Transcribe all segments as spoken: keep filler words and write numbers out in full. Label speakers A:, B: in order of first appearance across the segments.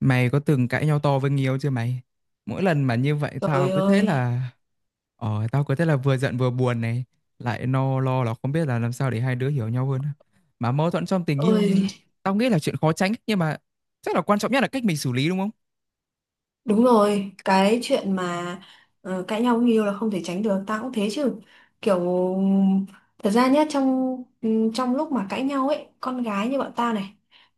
A: Mày có từng cãi nhau to với người yêu chưa mày? Mỗi lần mà như vậy tao
B: Trời
A: cứ thế
B: ơi!
A: là ờ tao cứ thế là vừa giận vừa buồn này, lại no lo là không biết là làm sao để hai đứa hiểu nhau hơn. Mà mâu thuẫn trong tình yêu
B: Ôi.
A: tao nghĩ là chuyện khó tránh, nhưng mà chắc là quan trọng nhất là cách mình xử lý, đúng không?
B: Đúng rồi, cái chuyện mà ờ, cãi nhau người yêu là không thể tránh được, tao cũng thế chứ. Kiểu thật ra nhá, trong ừ, trong lúc mà cãi nhau ấy, con gái như bọn ta này,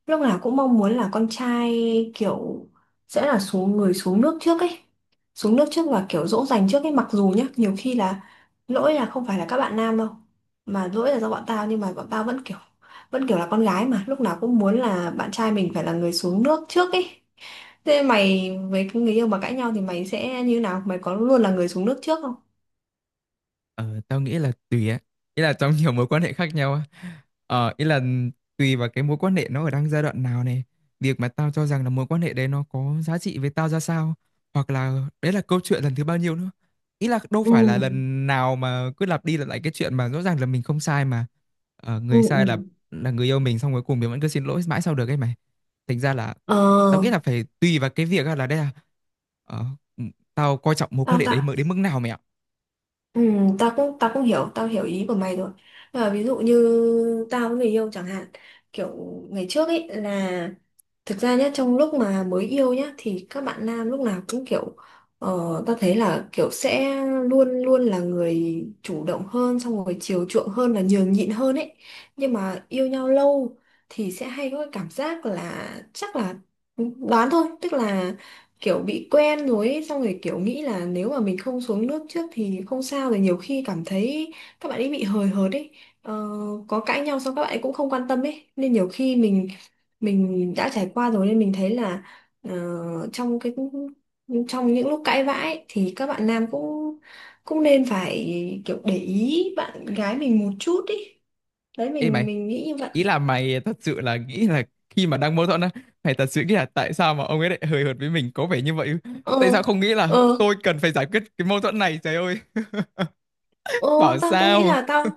B: lúc nào cũng mong muốn là con trai kiểu sẽ là xuống người xuống nước trước ấy. Xuống nước trước và kiểu dỗ dành trước ấy, mặc dù nhá, nhiều khi là lỗi là không phải là các bạn nam đâu, mà lỗi là do bọn tao, nhưng mà bọn tao vẫn kiểu vẫn kiểu là con gái mà, lúc nào cũng muốn là bạn trai mình phải là người xuống nước trước ấy. Thế mày với cái người yêu mà cãi nhau thì mày sẽ như nào? Mày có luôn là người xuống nước trước không?
A: Ờ, tao nghĩ là tùy á. Ý là trong nhiều mối quan hệ khác nhau á. Ờ, ý là tùy vào cái mối quan hệ nó ở đang giai đoạn nào này. Việc mà tao cho rằng là mối quan hệ đấy nó có giá trị với tao ra sao. Hoặc là đấy là câu chuyện lần thứ bao nhiêu nữa. Ý là đâu
B: Ừ,
A: phải là lần nào mà cứ lặp đi lặp lại cái chuyện mà rõ ràng là mình không sai mà. Ờ,
B: ừ,
A: người
B: ừ.
A: sai là là người yêu mình, xong cuối cùng mình vẫn cứ xin lỗi mãi sau được ấy mày. Thành ra là tao
B: Ờ,
A: nghĩ là phải tùy vào cái việc á, là đây là ờ, tao coi trọng mối quan
B: tao
A: hệ
B: ta,
A: đấy mới đến mức nào mày ạ.
B: ừ, tao cũng tao cũng hiểu, tao hiểu ý của mày rồi. Nhưng mà ví dụ như tao với người yêu chẳng hạn, kiểu ngày trước ấy là. Thực ra nhá, trong lúc mà mới yêu nhá thì các bạn nam lúc nào cũng kiểu ờ, ta thấy là kiểu sẽ luôn luôn là người chủ động hơn, xong rồi chiều chuộng hơn và nhường nhịn hơn ấy. Nhưng mà yêu nhau lâu thì sẽ hay có cái cảm giác là chắc là đoán thôi, tức là kiểu bị quen rồi ấy, xong rồi kiểu nghĩ là nếu mà mình không xuống nước trước thì không sao, rồi nhiều khi cảm thấy các bạn ấy bị hời hợt ấy. Ờ, có cãi nhau xong các bạn ấy cũng không quan tâm ấy, nên nhiều khi mình mình đã trải qua rồi nên mình thấy là ờ, trong cái trong những lúc cãi vã ấy, thì các bạn nam cũng cũng nên phải kiểu để ý bạn gái mình một chút ý. Đấy,
A: Ê
B: mình
A: mày,
B: mình nghĩ như vậy.
A: ý là mày thật sự là nghĩ là khi mà đang mâu thuẫn á, mày thật sự nghĩ là tại sao mà ông ấy lại hời hợt với mình có vẻ như vậy,
B: Ờ,
A: tại sao không nghĩ
B: ờ,
A: là tôi cần phải giải quyết cái mâu thuẫn này, trời ơi
B: ờ.
A: bảo
B: Tao cũng nghĩ
A: sao.
B: là tao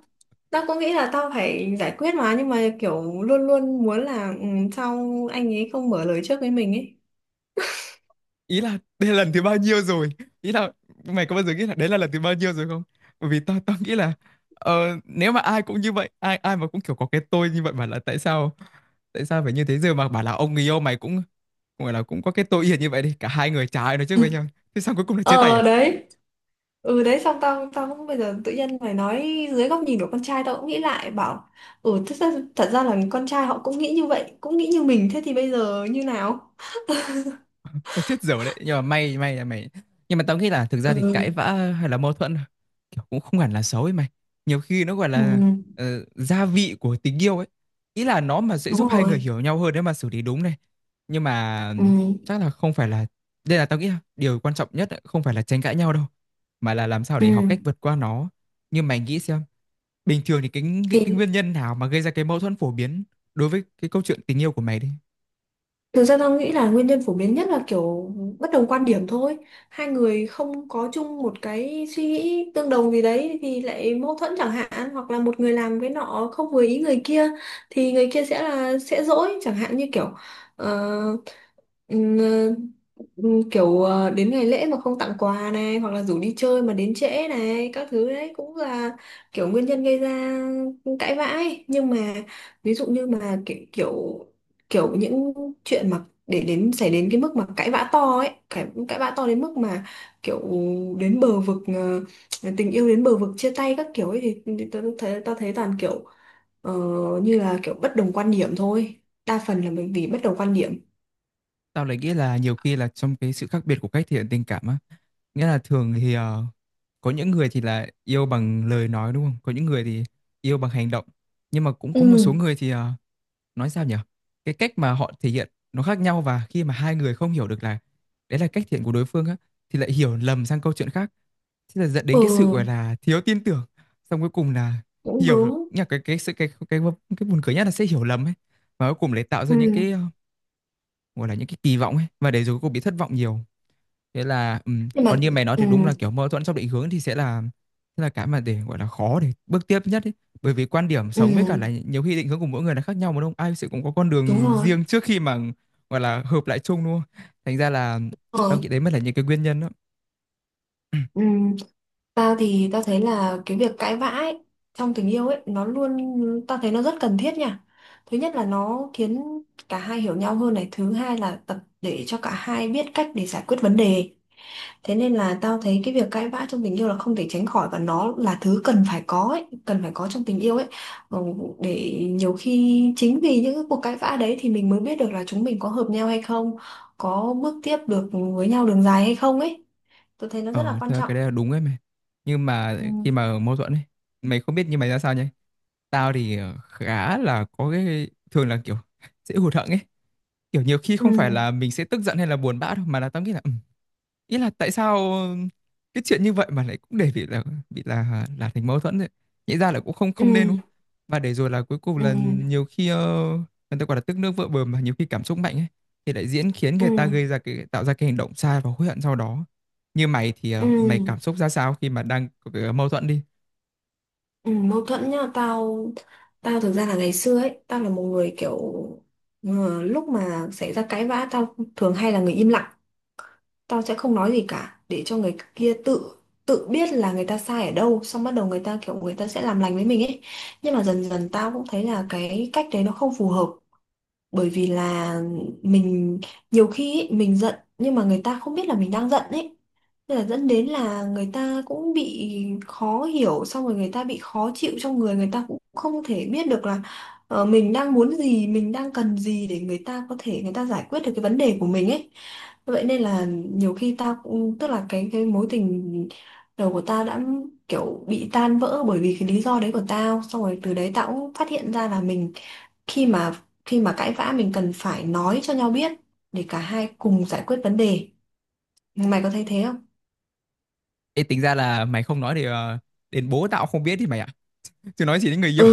B: tao cũng nghĩ là tao phải giải quyết mà, nhưng mà kiểu luôn luôn muốn là ừ, sao anh ấy không mở lời trước với mình ấy.
A: Ý là đây là lần thứ bao nhiêu rồi, ý là mày có bao giờ nghĩ là đấy là lần thứ bao nhiêu rồi không? Bởi vì tao tao nghĩ là ờ, nếu mà ai cũng như vậy, ai ai mà cũng kiểu có cái tôi như vậy mà là tại sao, tại sao phải như thế? Giờ mà bảo là ông người yêu mày cũng gọi là cũng có cái tôi yên như vậy đi, cả hai người chả ai nói trước với nhau, thế sao cuối cùng là chia tay
B: Ờ
A: à?
B: đấy. Ừ đấy, xong tao tao cũng bây giờ tự nhiên mày nói dưới góc nhìn của con trai, tao cũng nghĩ lại bảo ừ, thật ra, thật ra là con trai họ cũng nghĩ như vậy, cũng nghĩ như mình, thế thì bây giờ như nào?
A: Mày chết dở đấy, nhưng mà may may là mày. Nhưng mà tao nghĩ là thực ra thì cãi
B: Ừ,
A: vã hay là mâu thuẫn kiểu cũng không hẳn là xấu ấy mày, nhiều khi nó gọi
B: ừ,
A: là ờ, gia vị của tình yêu ấy, ý là nó mà sẽ giúp
B: đúng
A: hai người
B: rồi.
A: hiểu nhau hơn nếu mà xử lý đúng này. Nhưng mà
B: Ừ,
A: chắc là không phải là, đây là tao nghĩ là điều quan trọng nhất ấy, không phải là tranh cãi nhau đâu, mà là làm sao
B: ừ.
A: để học cách vượt qua nó. Nhưng mày nghĩ xem, bình thường thì cái, cái cái nguyên nhân nào mà gây ra cái mâu thuẫn phổ biến đối với cái câu chuyện tình yêu của mày đi.
B: Thực ra tao nghĩ là nguyên nhân phổ biến nhất là kiểu bất đồng quan điểm thôi. Hai người không có chung một cái suy nghĩ tương đồng gì đấy thì lại mâu thuẫn chẳng hạn, hoặc là một người làm cái nọ không vừa ý người kia thì người kia sẽ là sẽ dỗi, chẳng hạn như kiểu ờ, ừm, ờ, ừm, kiểu ờ, đến ngày lễ mà không tặng quà này, hoặc là rủ đi chơi mà đến trễ này, các thứ đấy cũng là kiểu nguyên nhân gây ra cãi vã ấy. Nhưng mà ví dụ như mà kiểu, kiểu kiểu những chuyện mà để đến xảy đến cái mức mà cãi vã to ấy, cãi, cãi vã to đến mức mà kiểu đến bờ vực ờ, tình yêu đến bờ vực chia tay các kiểu ấy, thì, thì tao thấy tao thấy toàn kiểu ờ, như là kiểu bất đồng quan điểm thôi, đa phần là bởi vì bất đồng quan điểm.
A: Tao lại nghĩ là nhiều khi là trong cái sự khác biệt của cách thể hiện tình cảm á. Nghĩa là thường thì ờ, có những người thì là yêu bằng lời nói đúng không? Có những người thì yêu bằng hành động. Nhưng mà cũng có một
B: Ừ,
A: số người thì ờ, nói sao nhỉ? Cái cách mà họ thể hiện nó khác nhau, và khi mà hai người không hiểu được là đấy là cách thể hiện của đối phương á, thì lại hiểu lầm sang câu chuyện khác. Thế là dẫn
B: ừ
A: đến cái sự gọi là thiếu tin tưởng. Xong cuối cùng là
B: cũng
A: hiểu
B: đúng.
A: nhá, cái cái sự cái cái cái, cái buồn cười nhất là sẽ hiểu lầm ấy. Và cuối cùng lại tạo ra những cái
B: Ừ.
A: ờ, gọi là những cái kỳ vọng ấy, và để rồi cô bị thất vọng nhiều. Thế là ừm,
B: Nhưng mà
A: còn như mày nói
B: ừ,
A: thì đúng là kiểu mâu thuẫn trong định hướng thì sẽ là sẽ là cái mà để gọi là khó để bước tiếp nhất ấy. Bởi vì quan điểm
B: ừ
A: sống với cả là nhiều khi định hướng của mỗi người là khác nhau mà đúng không, ai sẽ cũng có con
B: đúng
A: đường
B: rồi.
A: riêng trước khi mà gọi là hợp lại chung luôn. Thành ra là
B: Ờ,
A: tao nghĩ đấy mới là những cái nguyên nhân đó.
B: ừ. Tao thì tao thấy là cái việc cãi vã ấy, trong tình yêu ấy nó luôn, tao thấy nó rất cần thiết nha. Thứ nhất là nó khiến cả hai hiểu nhau hơn này, thứ hai là tập để cho cả hai biết cách để giải quyết vấn đề. Thế nên là tao thấy cái việc cãi vã trong tình yêu là không thể tránh khỏi, và nó là thứ cần phải có ấy, cần phải có trong tình yêu ấy. Ừ, để nhiều khi chính vì những cái cuộc cãi vã đấy thì mình mới biết được là chúng mình có hợp nhau hay không, có bước tiếp được với nhau đường dài hay không ấy. Tôi thấy nó rất là
A: Ờ
B: quan
A: thế là
B: trọng.
A: cái đấy là đúng ấy mày, nhưng mà
B: Ừ.
A: khi mà mâu thuẫn ấy, mày không biết như mày ra sao nhỉ? Tao thì ờ, khá là có cái thường là kiểu dễ hụt hẫng ấy. Kiểu, nhiều khi
B: Ừ.
A: không phải là mình sẽ tức giận hay là buồn bã đâu, mà là tao nghĩ là, ừm, ý là tại sao cái chuyện như vậy mà lại cũng để bị là bị là là thành mâu thuẫn vậy? Nghĩ ra là cũng không không nên, đúng
B: Ừ,
A: không? Và để rồi là cuối cùng
B: ừ,
A: là nhiều khi, ơ, người ta gọi là "tức nước vỡ bờ" mà, nhiều khi cảm xúc mạnh ấy, thì lại diễn khiến
B: ừ,
A: người ta gây ra cái, tạo ra cái hành động sai và hối hận sau đó. Như mày thì, ờ, mày cảm
B: ừ,
A: xúc ra sao khi mà đang c mâu thuẫn đi?
B: ừ. Mâu thuẫn nhá. Tao tao thực ra là ngày xưa ấy tao là một người kiểu ờ, lúc mà xảy ra cãi vã tao thường hay là người im lặng, tao sẽ không nói gì cả để cho người kia tự tự biết là người ta sai ở đâu, xong bắt đầu người ta kiểu người ta sẽ làm lành với mình ấy. Nhưng mà dần dần tao cũng thấy là cái cách đấy nó không phù hợp, bởi vì là mình, nhiều khi ấy, mình giận nhưng mà người ta không biết là mình đang giận ấy, nên là dẫn đến là người ta cũng bị khó hiểu, xong rồi người ta bị khó chịu trong người, người ta cũng không thể biết được là ờ, mình đang muốn gì, mình đang cần gì, để người ta có thể người ta giải quyết được cái vấn đề của mình ấy. Vậy nên là nhiều khi tao cũng tức là cái cái mối tình đầu của tao đã kiểu bị tan vỡ bởi vì cái lý do đấy của tao, xong rồi từ đấy tao cũng phát hiện ra là mình, khi mà khi mà cãi vã mình cần phải nói cho nhau biết để cả hai cùng giải quyết vấn đề. Mày có thấy thế không?
A: Ê, tính ra là mày không nói thì, ờ, đến bố tao không biết thì mày ạ, chứ nói chỉ đến người yêu.
B: Ừ.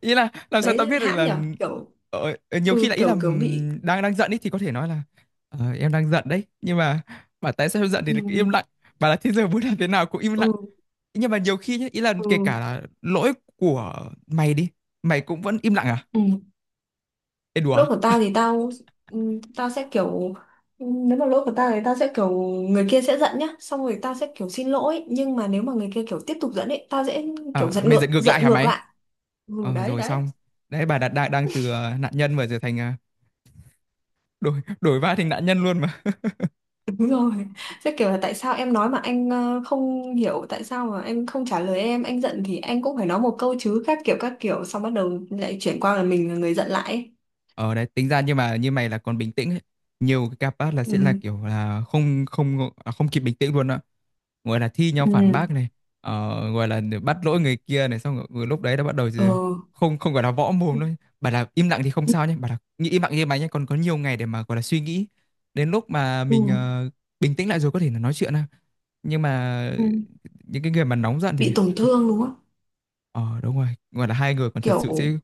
A: Ý là làm sao tao
B: Đấy,
A: biết được
B: hãm
A: là
B: nhở. Kiểu,
A: ờ, ờ, nhiều khi là
B: ừ,
A: ý là
B: kiểu kiểu bị.
A: ừm, đang đang giận ý thì có thể nói là "Ờ, em đang giận đấy", nhưng mà bảo tại sao em giận thì lại cứ im
B: Ừ,
A: lặng, bảo là thế giờ muốn làm thế nào cũng im lặng.
B: ừ,
A: Nhưng mà nhiều khi nhá, ý là
B: ừ,
A: kể cả là lỗi của mày đi, mày cũng vẫn im lặng à?
B: ừ.
A: Ê đùa à?
B: Lỗi của tao thì tao, ừ, tao sẽ kiểu, ừ, nếu mà lỗi của tao thì tao sẽ kiểu người kia sẽ giận nhá, xong rồi tao sẽ kiểu xin lỗi, nhưng mà nếu mà người kia kiểu tiếp tục giận ấy tao sẽ
A: Ờ,
B: kiểu giận
A: mày giận
B: ngược
A: ngược lại
B: giận
A: hả
B: ngược
A: mày?
B: lại. Ừ
A: Ờ,
B: đấy,
A: rồi
B: đấy.
A: xong đấy bà đã, đang đang từ ờ, nạn nhân mà trở thành ờ, đổi đổi vai thành nạn nhân luôn mà.
B: Đúng rồi. Sẽ kiểu là tại sao em nói mà anh ờ, không hiểu, tại sao mà anh không trả lời em, anh giận thì anh cũng phải nói một câu chứ, các kiểu các kiểu, xong bắt đầu lại chuyển qua là mình là người giận lại ấy.
A: Ờ đấy tính ra nhưng mà như mày là còn bình tĩnh ấy. Nhiều cái capát là sẽ là
B: Ừ.
A: kiểu là không không à, không kịp bình tĩnh luôn á, gọi là thi nhau
B: Ừ.
A: phản bác này, ờ, gọi là bắt lỗi người kia này xong rồi, rồi lúc đấy đã bắt đầu
B: Ờ.
A: rồi, không không gọi là võ
B: Ừ.
A: mồm thôi. Bà là im lặng thì không sao nhé, bà là nghĩ im lặng như mày nhé, còn có nhiều ngày để mà gọi là suy nghĩ, đến lúc mà
B: Ừ.
A: mình ờ, bình tĩnh lại rồi có thể là nói chuyện ha. Nhưng mà
B: Ừ.
A: những cái người mà nóng giận thì
B: Bị tổn thương đúng không?
A: ờ đúng rồi, gọi là hai người còn thật
B: Kiểu,
A: sự sẽ,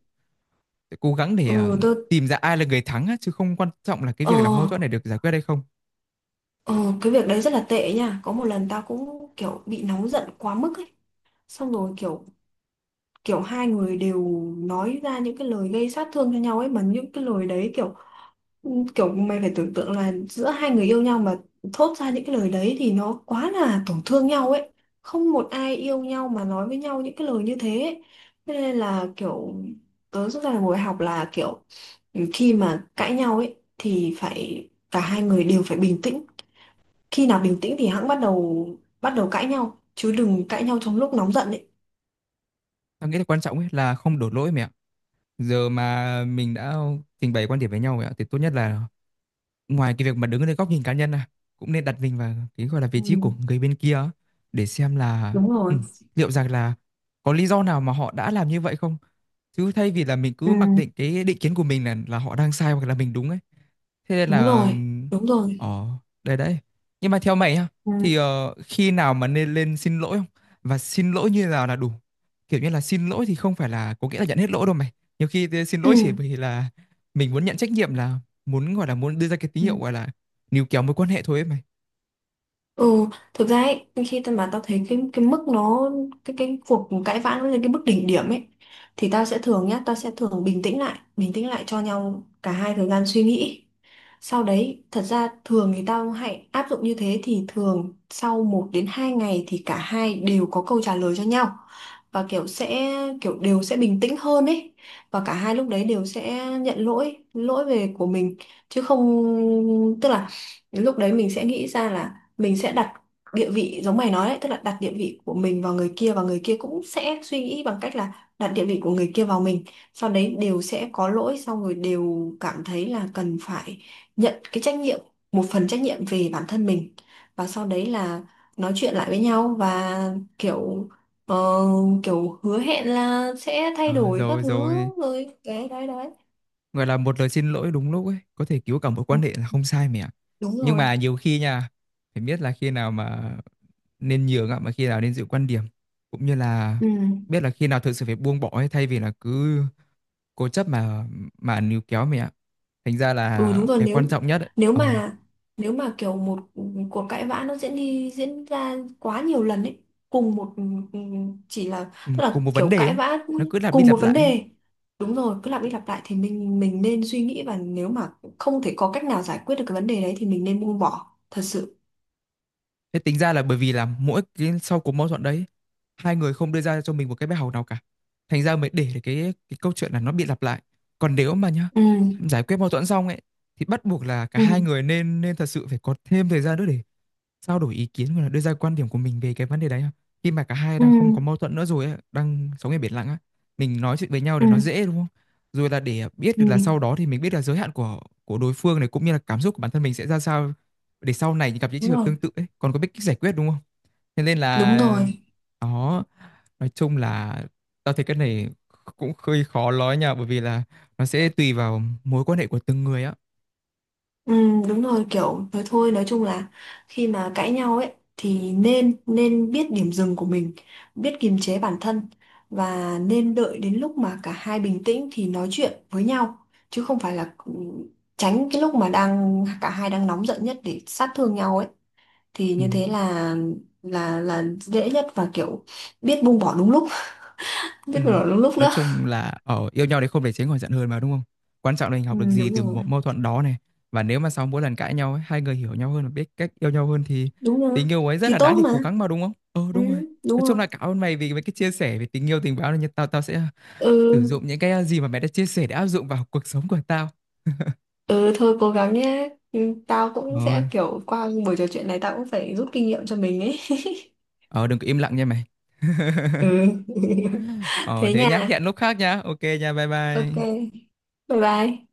A: sẽ cố gắng để ờ,
B: ừ tôi.
A: tìm ra ai là người thắng á, chứ không quan trọng là cái
B: ờ
A: việc là mâu thuẫn này được giải quyết hay không.
B: ờ cái việc đấy rất là tệ nha. Có một lần tao cũng kiểu bị nóng giận quá mức ấy, xong rồi kiểu kiểu hai người đều nói ra những cái lời gây sát thương cho nhau ấy, mà những cái lời đấy kiểu kiểu mày phải tưởng tượng là giữa hai người yêu nhau mà thốt ra những cái lời đấy thì nó quá là tổn thương nhau ấy. Không một ai yêu nhau mà nói với nhau những cái lời như thế ấy. Thế nên là kiểu tớ rút ra là ngồi học là kiểu khi mà cãi nhau ấy thì phải cả hai người đều phải bình tĩnh, khi nào bình tĩnh thì hẵng bắt đầu bắt đầu cãi nhau, chứ đừng cãi nhau trong lúc nóng giận ấy.
A: Tao nghĩ là quan trọng ấy là không đổ lỗi mẹ ạ. Giờ mà mình đã trình bày quan điểm với nhau mẹ ạ thì tốt nhất là ngoài cái việc mà đứng ở góc nhìn cá nhân à, cũng nên đặt mình vào cái gọi là
B: Ừ,
A: vị trí của người bên kia á, để xem là
B: đúng
A: ừ,
B: rồi.
A: liệu rằng là có lý do nào mà họ đã làm như vậy không, chứ thay vì là mình
B: Ừ,
A: cứ mặc định cái định kiến của mình là là họ đang sai hoặc là mình đúng ấy. Thế nên
B: đúng
A: là
B: rồi,
A: ừm,
B: đúng rồi.
A: ờ đây đấy, nhưng mà theo mày ha,
B: Ừ.
A: thì ờ, khi nào mà nên lên xin lỗi không và xin lỗi như nào là đủ? Kiểu như là xin lỗi thì không phải là có nghĩa là nhận hết lỗi đâu mày, nhiều khi thì xin
B: Ừ.
A: lỗi chỉ vì là mình muốn nhận trách nhiệm, là muốn gọi là muốn đưa ra cái tín
B: Ừ.
A: hiệu gọi là níu kéo mối quan hệ thôi ấy mày.
B: Ừ. Thực ra ấy, khi tao mà tao thấy cái cái mức nó cái cái cuộc cãi vã nó lên cái mức đỉnh điểm ấy, thì tao sẽ thường nhá tao sẽ thường bình tĩnh lại bình tĩnh lại cho nhau cả hai thời gian suy nghĩ. Sau đấy, thật ra thường thì tao hãy áp dụng như thế thì thường sau một đến hai ngày thì cả hai đều có câu trả lời cho nhau. Và kiểu sẽ kiểu đều sẽ bình tĩnh hơn ấy. Và cả hai lúc đấy đều sẽ nhận lỗi, lỗi về của mình, chứ không, tức là lúc đấy mình sẽ nghĩ ra là mình sẽ đặt địa vị giống mày nói đấy, tức là đặt địa vị của mình vào người kia, và người kia cũng sẽ suy nghĩ bằng cách là đặt địa vị của người kia vào mình, sau đấy đều sẽ có lỗi, xong rồi đều cảm thấy là cần phải nhận cái trách nhiệm một phần trách nhiệm về bản thân mình, và sau đấy là nói chuyện lại với nhau, và kiểu ờ, kiểu hứa hẹn là sẽ thay
A: Ờ,
B: đổi các
A: rồi
B: thứ.
A: rồi
B: Rồi đấy, đấy, đấy.
A: gọi là một lời xin lỗi đúng lúc ấy có thể cứu cả mối
B: Ừ,
A: quan hệ là không sai mày ạ.
B: đúng
A: Nhưng
B: rồi.
A: mà nhiều khi nha, phải biết là khi nào mà nên nhường ạ, mà khi nào nên giữ quan điểm, cũng như là
B: Ừ,
A: biết là khi nào thực sự phải buông bỏ ấy, thay vì là cứ cố chấp mà mà níu kéo mày ạ. Thành ra
B: ừ
A: là
B: đúng rồi.
A: cái quan
B: nếu
A: trọng nhất ấy,
B: nếu
A: ờ,
B: mà nếu mà kiểu một cuộc cãi vã nó diễn đi diễn ra quá nhiều lần ấy, cùng một ừ, ừ, chỉ là,
A: ừ,
B: tức
A: cùng
B: là
A: một vấn
B: kiểu
A: đề
B: cãi
A: ấy,
B: vã
A: nó cứ lặp đi
B: cùng một
A: lặp
B: vấn
A: lại ấy.
B: đề, đúng rồi, cứ lặp đi lặp lại thì mình mình nên suy nghĩ, và nếu mà không thể có cách nào giải quyết được cái vấn đề đấy thì mình nên buông bỏ thật sự.
A: Thế tính ra là bởi vì là mỗi cái sau cuộc mâu thuẫn đấy, hai người không đưa ra cho mình một cái bài học nào cả. Thành ra mới để cái cái câu chuyện là nó bị lặp lại. Còn nếu mà nhá,
B: Ừ,
A: giải quyết mâu thuẫn xong ấy, thì bắt buộc là cả
B: ừ,
A: hai người nên nên thật sự phải có thêm thời gian nữa để trao đổi ý kiến hoặc là đưa ra quan điểm của mình về cái vấn đề đấy ha. Khi mà cả hai
B: ừ,
A: đang không có mâu thuẫn nữa rồi ấy, đang sống ở biển lặng á, mình nói chuyện với nhau để
B: ừ,
A: nó dễ đúng không? Rồi là để biết được là
B: ừ.
A: sau đó thì mình biết là giới hạn của của đối phương này, cũng như là cảm xúc của bản thân mình sẽ ra sao, để sau này gặp những trường
B: Đúng
A: hợp
B: rồi,
A: tương tự ấy còn có biết cách giải quyết đúng không? Thế nên
B: đúng
A: là
B: rồi.
A: đó, nói chung là tao thấy cái này cũng hơi khó nói nha, bởi vì là nó sẽ tùy vào mối quan hệ của từng người á.
B: Ừ, đúng rồi, kiểu nói thôi, nói chung là khi mà cãi nhau ấy thì nên nên biết điểm dừng của mình, biết kiềm chế bản thân, và nên đợi đến lúc mà cả hai bình tĩnh thì nói chuyện với nhau, chứ không phải là ừ, tránh cái lúc mà đang cả hai đang nóng giận nhất để sát thương nhau ấy, thì
A: Ừ.
B: như thế là là là dễ nhất, và kiểu biết buông bỏ đúng lúc.
A: Ừ.
B: Biết buông bỏ đúng lúc
A: Nói
B: nữa.
A: chung là ở yêu nhau đấy không để tránh khỏi giận hờn mà đúng không? Quan trọng là mình
B: Ừ,
A: học được gì
B: đúng
A: từ
B: rồi.
A: một mâu thuẫn đó này. Và nếu mà sau mỗi lần cãi nhau ấy, hai người hiểu nhau hơn và biết cách yêu nhau hơn thì
B: Đúng rồi,
A: tình yêu ấy rất
B: thì
A: là đáng
B: tốt
A: để cố
B: mà.
A: gắng mà đúng không? Ờ
B: Ừ,
A: đúng rồi.
B: đúng
A: Nói chung
B: rồi.
A: là cảm ơn mày vì mấy cái chia sẻ về tình yêu tình báo này. Tao tao sẽ ờ, sử
B: Ừ.
A: dụng những cái ờ, gì mà mày đã chia sẻ để áp dụng vào cuộc sống của tao.
B: Ừ thôi, cố gắng nhé. Ừ, tao cũng
A: Ờ,
B: sẽ kiểu qua buổi trò chuyện này tao cũng phải rút kinh nghiệm cho mình ấy.
A: ờ đừng có im lặng nha mày.
B: Ừ.
A: Ờ
B: Thế
A: thế nhá,
B: nha.
A: hẹn lúc khác nhá. Ok nha, bye
B: Ok.
A: bye.
B: Bye bye.